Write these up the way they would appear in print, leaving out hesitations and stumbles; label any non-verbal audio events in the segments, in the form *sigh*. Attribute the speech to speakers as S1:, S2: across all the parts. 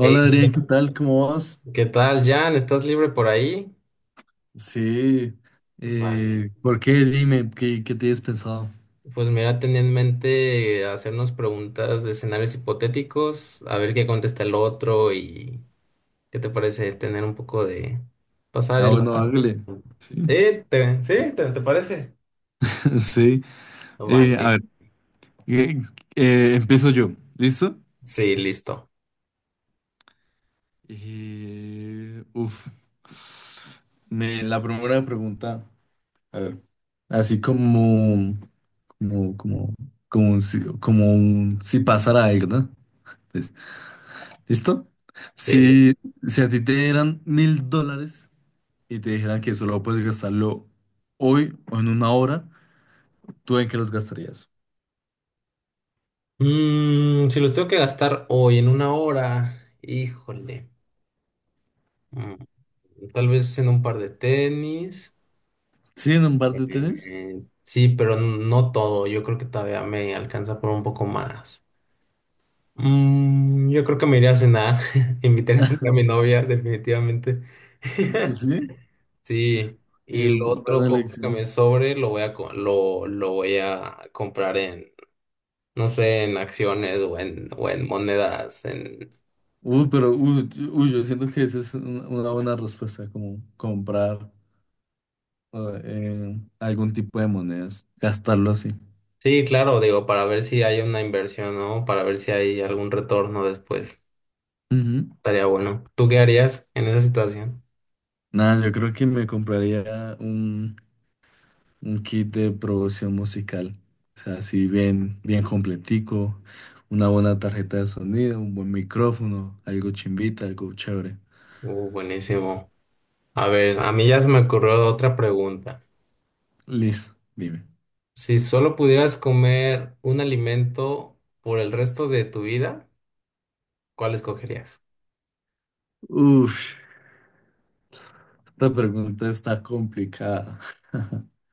S1: Hey,
S2: Adrián, ¿qué tal? ¿Cómo vas?
S1: ¿qué tal, Jan? ¿Estás libre por ahí?
S2: Sí,
S1: Vale.
S2: ¿por qué? Dime, ¿qué tienes pensado?
S1: Pues mira, tenía en mente hacernos preguntas de escenarios hipotéticos, a ver qué contesta el otro y qué te parece tener un poco de pasar
S2: Ah,
S1: el.
S2: bueno, hágale. Sí,
S1: Sí, ¿te parece?
S2: *laughs* sí. A
S1: Vale.
S2: ver, eh, empiezo yo. ¿Listo?
S1: Sí, listo.
S2: Uf. Me, la primera pregunta, a ver, así como, como, como, un si, como un si pasara algo, ¿no? Pues, ¿listo?
S1: Sí, li-
S2: Si, si a ti te dieran mil dólares. Y te dijeran que solo puedes gastarlo hoy o en una hora, ¿tú en qué los gastarías?
S1: Si los tengo que gastar hoy en una hora, híjole. Mm, tal vez en un par de tenis.
S2: ¿Sí, en un par de tenis?
S1: Sí, pero no todo. Yo creo que todavía me alcanza por un poco más. Yo creo que me iré a cenar. *laughs* Invitaré a cenar a mi novia, definitivamente. *laughs*
S2: ¿Sí?
S1: Sí. Y lo otro
S2: Buena
S1: poco que
S2: elección.
S1: me sobre lo voy a lo voy a comprar en, no sé, en acciones o en monedas. En.
S2: Uy, pero uy, yo uy, Yo siento que esa es una buena respuesta, como comprar algún tipo de monedas, gastarlo así.
S1: Sí, claro, digo, para ver si hay una inversión, ¿no? Para ver si hay algún retorno después.
S2: Ujú.
S1: Estaría bueno. ¿Tú qué harías en esa situación?
S2: Nada, yo creo que me compraría un kit de producción musical. O sea, así bien, bien completico. Una buena tarjeta de sonido, un buen micrófono, algo chimbita, algo chévere.
S1: Buenísimo. A ver, a mí ya se me ocurrió otra pregunta.
S2: Listo, dime.
S1: Si solo pudieras comer un alimento por el resto de tu vida, ¿cuál escogerías?
S2: Uf, esta pregunta está complicada.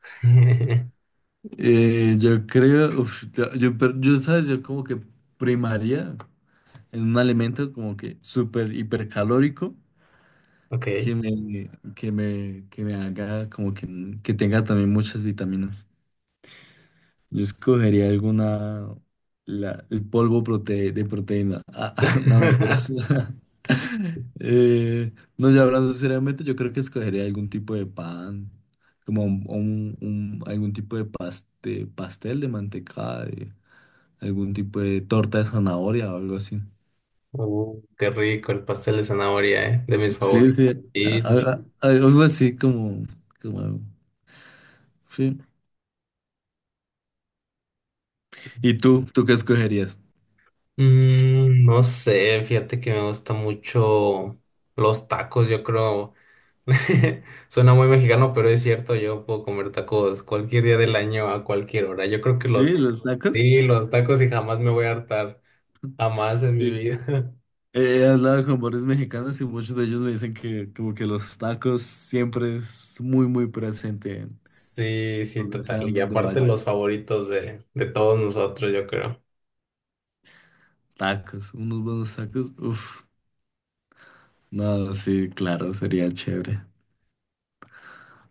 S1: *laughs*
S2: Yo creo, uf, ¿sabes? Yo como que primaría en un alimento como que súper hipercalórico,
S1: Ok.
S2: que me haga como que tenga también muchas vitaminas. Yo escogería alguna, el polvo de proteína. Ah, *laughs* no, mentiras.
S1: *laughs*
S2: *laughs* Eh, no, ya hablando seriamente, yo creo que escogería algún tipo de pan, como algún tipo de pastel de mantecada, de algún tipo de torta de zanahoria o algo así.
S1: Qué rico el pastel de zanahoria, ¿eh? De mis
S2: Sí,
S1: favoritos.
S2: sí, a-
S1: Y,
S2: a- algo así como, como, sí. ¿Y tú? ¿Tú qué escogerías?
S1: mm, no sé, fíjate que me gusta mucho los tacos, yo creo. *laughs* Suena muy mexicano, pero es cierto, yo puedo comer tacos cualquier día del año a cualquier hora. Yo creo que
S2: Sí,
S1: los
S2: los tacos.
S1: sí, los tacos y jamás me voy a hartar, jamás en mi vida. *laughs*
S2: He hablado con varios mexicanos y muchos de ellos me dicen que como que los tacos siempre es muy muy presente en
S1: Sí, sí,
S2: donde
S1: total.
S2: sean
S1: Y
S2: donde
S1: aparte
S2: vayan.
S1: los favoritos de todos nosotros, yo creo.
S2: Tacos, unos buenos tacos, uff, no, sí, claro, sería chévere.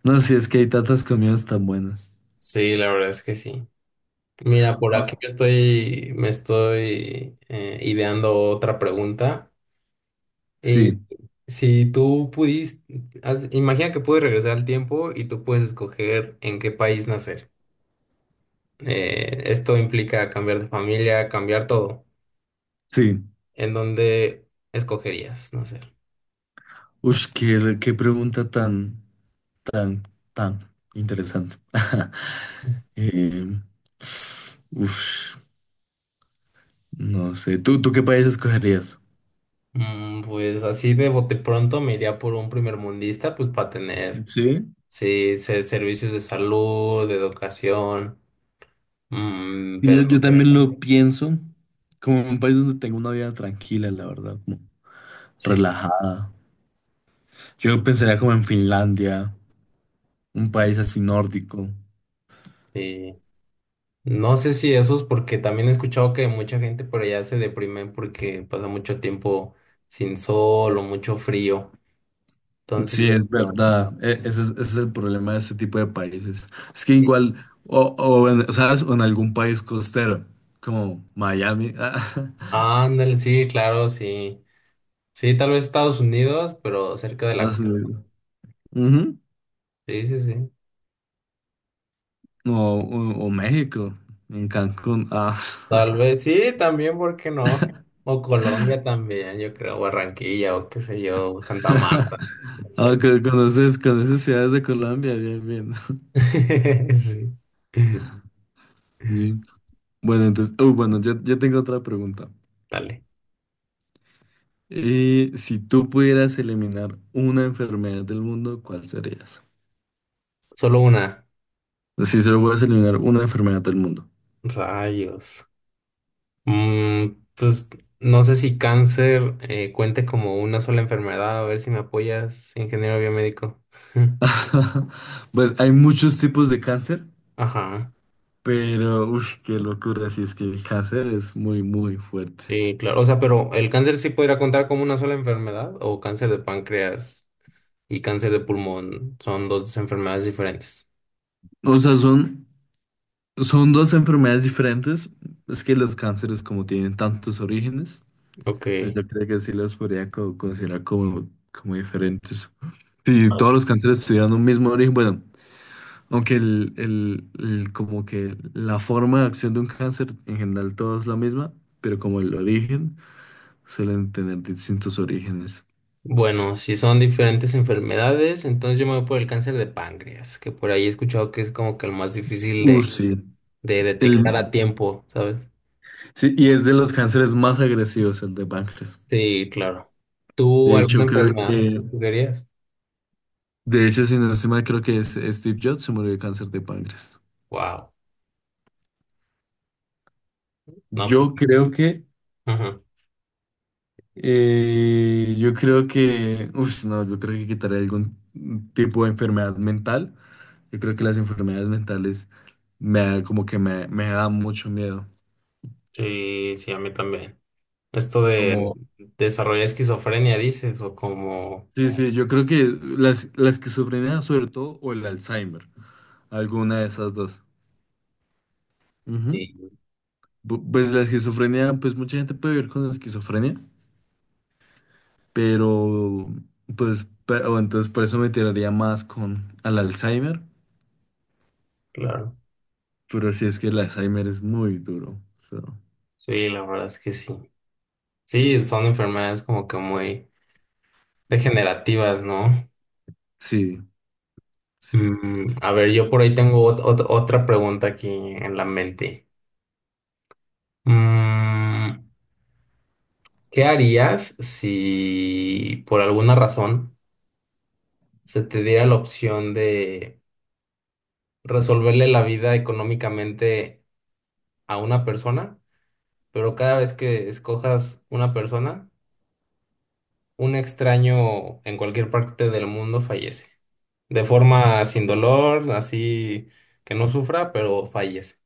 S2: No, sí, es que hay tantas comidas tan buenas.
S1: Sí, la verdad es que sí. Mira, por
S2: Ah,
S1: aquí yo estoy, me estoy ideando otra pregunta. Y
S2: sí,
S1: si tú pudiste, imagina que puedes regresar al tiempo y tú puedes escoger en qué país nacer. Esto implica cambiar de familia, cambiar todo.
S2: sí.
S1: ¿En dónde escogerías nacer?
S2: Uff, qué, qué pregunta tan, tan, tan interesante. *laughs* Eh, uf, no sé, ¿tú qué país escogerías?
S1: Pues así de bote pronto me iría por un primermundista, pues para tener,
S2: Sí.
S1: sí, servicios de salud, de educación,
S2: Y Yo,
S1: pero no
S2: yo
S1: sé
S2: también
S1: cómo.
S2: lo pienso como un país donde tengo una vida tranquila, la verdad, como
S1: Sí,
S2: relajada. Yo pensaría como en Finlandia, un país así nórdico.
S1: sí. No sé si esos, porque también he escuchado que mucha gente por allá se deprime porque pasa mucho tiempo sin sol o mucho frío. Entonces
S2: Sí,
S1: yo
S2: es
S1: creo,
S2: verdad. Ese es el problema de ese tipo de países. Es que
S1: sí.
S2: igual, o en, ¿sabes? O en algún país costero, como Miami. *laughs*
S1: Ándale, sí, claro, sí. Sí, tal vez Estados Unidos, pero cerca de la
S2: Estados
S1: costa.
S2: Unidos. Ujú.
S1: Sí, sí, sí.
S2: O, o México, en Cancún. Ah.
S1: Tal vez sí, también, ¿por qué no? O Colombia también, yo creo, Barranquilla o qué sé yo, Santa
S2: *laughs*
S1: Marta, no
S2: Ah,
S1: sé.
S2: conoces, conoces ciudades de Colombia, bien,
S1: *laughs* Sí.
S2: bien. *laughs* Bueno, entonces, uy, bueno, yo tengo otra pregunta.
S1: Dale.
S2: Si tú pudieras eliminar una enfermedad del mundo, ¿cuál serías?
S1: Solo una.
S2: Si solo puedes eliminar una enfermedad del mundo.
S1: Rayos. Pues no sé si cáncer cuente como una sola enfermedad, a ver si me apoyas, ingeniero biomédico. *laughs*
S2: *laughs* Pues hay muchos tipos de cáncer,
S1: Ajá.
S2: pero uf, qué locura, si es que el cáncer es muy, muy fuerte.
S1: Sí, claro. O sea, pero el cáncer sí podría contar como una sola enfermedad o cáncer de páncreas y cáncer de pulmón son dos enfermedades diferentes.
S2: O sea, son, son dos enfermedades diferentes. Es que los cánceres, como tienen tantos orígenes,
S1: Ok,
S2: pues yo creo que sí los podría considerar como, como diferentes. Si
S1: vale.
S2: todos los cánceres tuvieran un mismo origen, bueno. Aunque como que la forma de acción de un cáncer en general todo es la misma, pero como el origen suelen tener distintos orígenes.
S1: Bueno, si son diferentes enfermedades, entonces yo me voy por el cáncer de páncreas, que por ahí he escuchado que es como que el más difícil
S2: Sí.
S1: de detectar a
S2: El,
S1: tiempo, ¿sabes?
S2: sí, y es de los cánceres más agresivos el de páncreas.
S1: Sí, claro. ¿Tú
S2: De
S1: alguna
S2: hecho, creo
S1: enfermedad que
S2: que,
S1: tú querías?
S2: de hecho, si no estoy mal, creo que es Steve Jobs se murió de cáncer de páncreas.
S1: Wow. No, pues,
S2: Yo creo que,
S1: ajá.
S2: yo creo que, uff, no, yo creo que quitaré algún tipo de enfermedad mental. Yo creo que las enfermedades mentales como que me da mucho miedo.
S1: Sí, sí, a mí también. Esto de
S2: Como,
S1: desarrollar esquizofrenia, dices, o como.
S2: sí, sí, yo creo que la esquizofrenia sobre todo o el Alzheimer, alguna de esas dos. Ujú.
S1: Sí,
S2: Pues la esquizofrenia, pues mucha gente puede vivir con esquizofrenia, pero pues, pero, entonces por eso me tiraría más con al Alzheimer,
S1: claro.
S2: pero si es que el Alzheimer es muy duro. So,
S1: Sí, la verdad es que sí. Sí, son enfermedades como que muy degenerativas, ¿no?
S2: sí, sí.
S1: A ver, yo por ahí tengo otra pregunta aquí en la mente. Mm, ¿Qué harías si por alguna razón se te diera la opción de resolverle la vida económicamente a una persona, pero cada vez que escojas una persona, un extraño en cualquier parte del mundo fallece? De forma sin dolor, así que no sufra, pero fallece.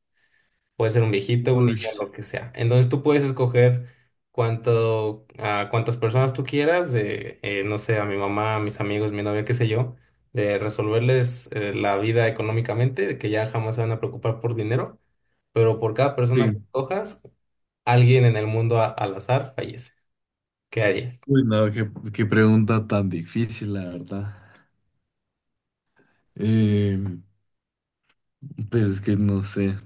S1: Puede ser un viejito, un
S2: Uy,
S1: niño, lo que sea. Entonces tú puedes escoger cuánto, a cuántas personas tú quieras, no sé, a mi mamá, a mis amigos, mi novia, qué sé yo, de resolverles la vida económicamente, de que ya jamás se van a preocupar por dinero, pero por cada persona que
S2: sí.
S1: cojas, alguien en el mundo al azar fallece. ¿Qué harías?
S2: Uy, no, qué, qué pregunta tan difícil, la verdad. Eh, pues es que no sé,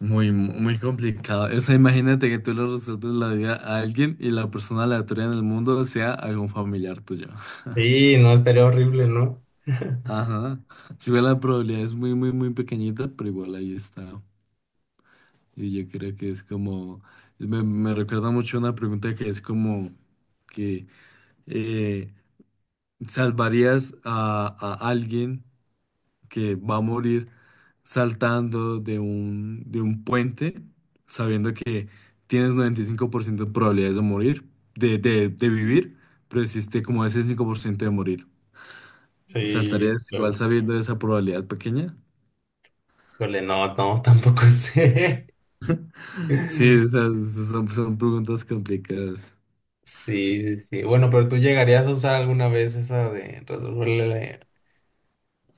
S2: muy, muy complicado. O sea, imagínate que tú le resuelves la vida a alguien y la persona aleatoria en el mundo sea algún familiar tuyo.
S1: Sí, no, estaría horrible, ¿no? *laughs*
S2: Ajá. Si bien la probabilidad es muy, muy, muy pequeñita, pero igual ahí está. Y yo creo que es como, me recuerda mucho una pregunta que es como que eh, ¿salvarías a alguien que va a morir saltando de un puente, sabiendo que tienes 95% de probabilidades de de vivir, pero existe como ese 5% de morir?
S1: Sí,
S2: ¿Saltarías igual
S1: claro.
S2: sabiendo esa probabilidad pequeña?
S1: Híjole, no, no, tampoco sé.
S2: Sí, o
S1: *laughs*
S2: sea, son, son preguntas complicadas.
S1: Sí, sí, sí. Bueno, pero tú llegarías a usar alguna vez esa de resolverle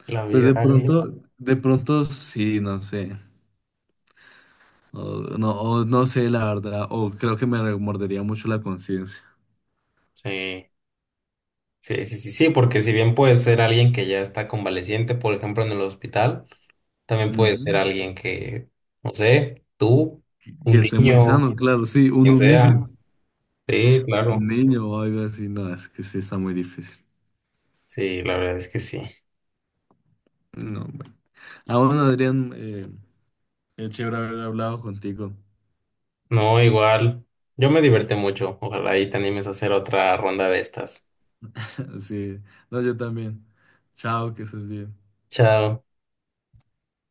S1: la, la
S2: Pues
S1: vida a alguien.
S2: de pronto sí, no sé. O no sé, la verdad. O creo que me remordería mucho la conciencia.
S1: Sí. Sí, sí, sí, sí, porque si bien puede ser alguien que ya está convaleciente, por ejemplo, en el hospital, también puede ser
S2: Ujú.
S1: alguien que, no sé, tú,
S2: Que
S1: un
S2: esté muy
S1: niño,
S2: sano, claro, sí,
S1: quien
S2: uno mismo.
S1: sea. Sí,
S2: Un
S1: claro.
S2: niño o algo así, no, es que sí está muy difícil.
S1: Sí, la verdad es que sí.
S2: No, bueno. Ah, bueno, Adrián, qué chévere haber hablado contigo.
S1: No, igual. Yo me divertí mucho. Ojalá ahí te animes a hacer otra ronda de estas.
S2: *laughs* Sí, no, yo también. Chao, que estés bien.
S1: Chao.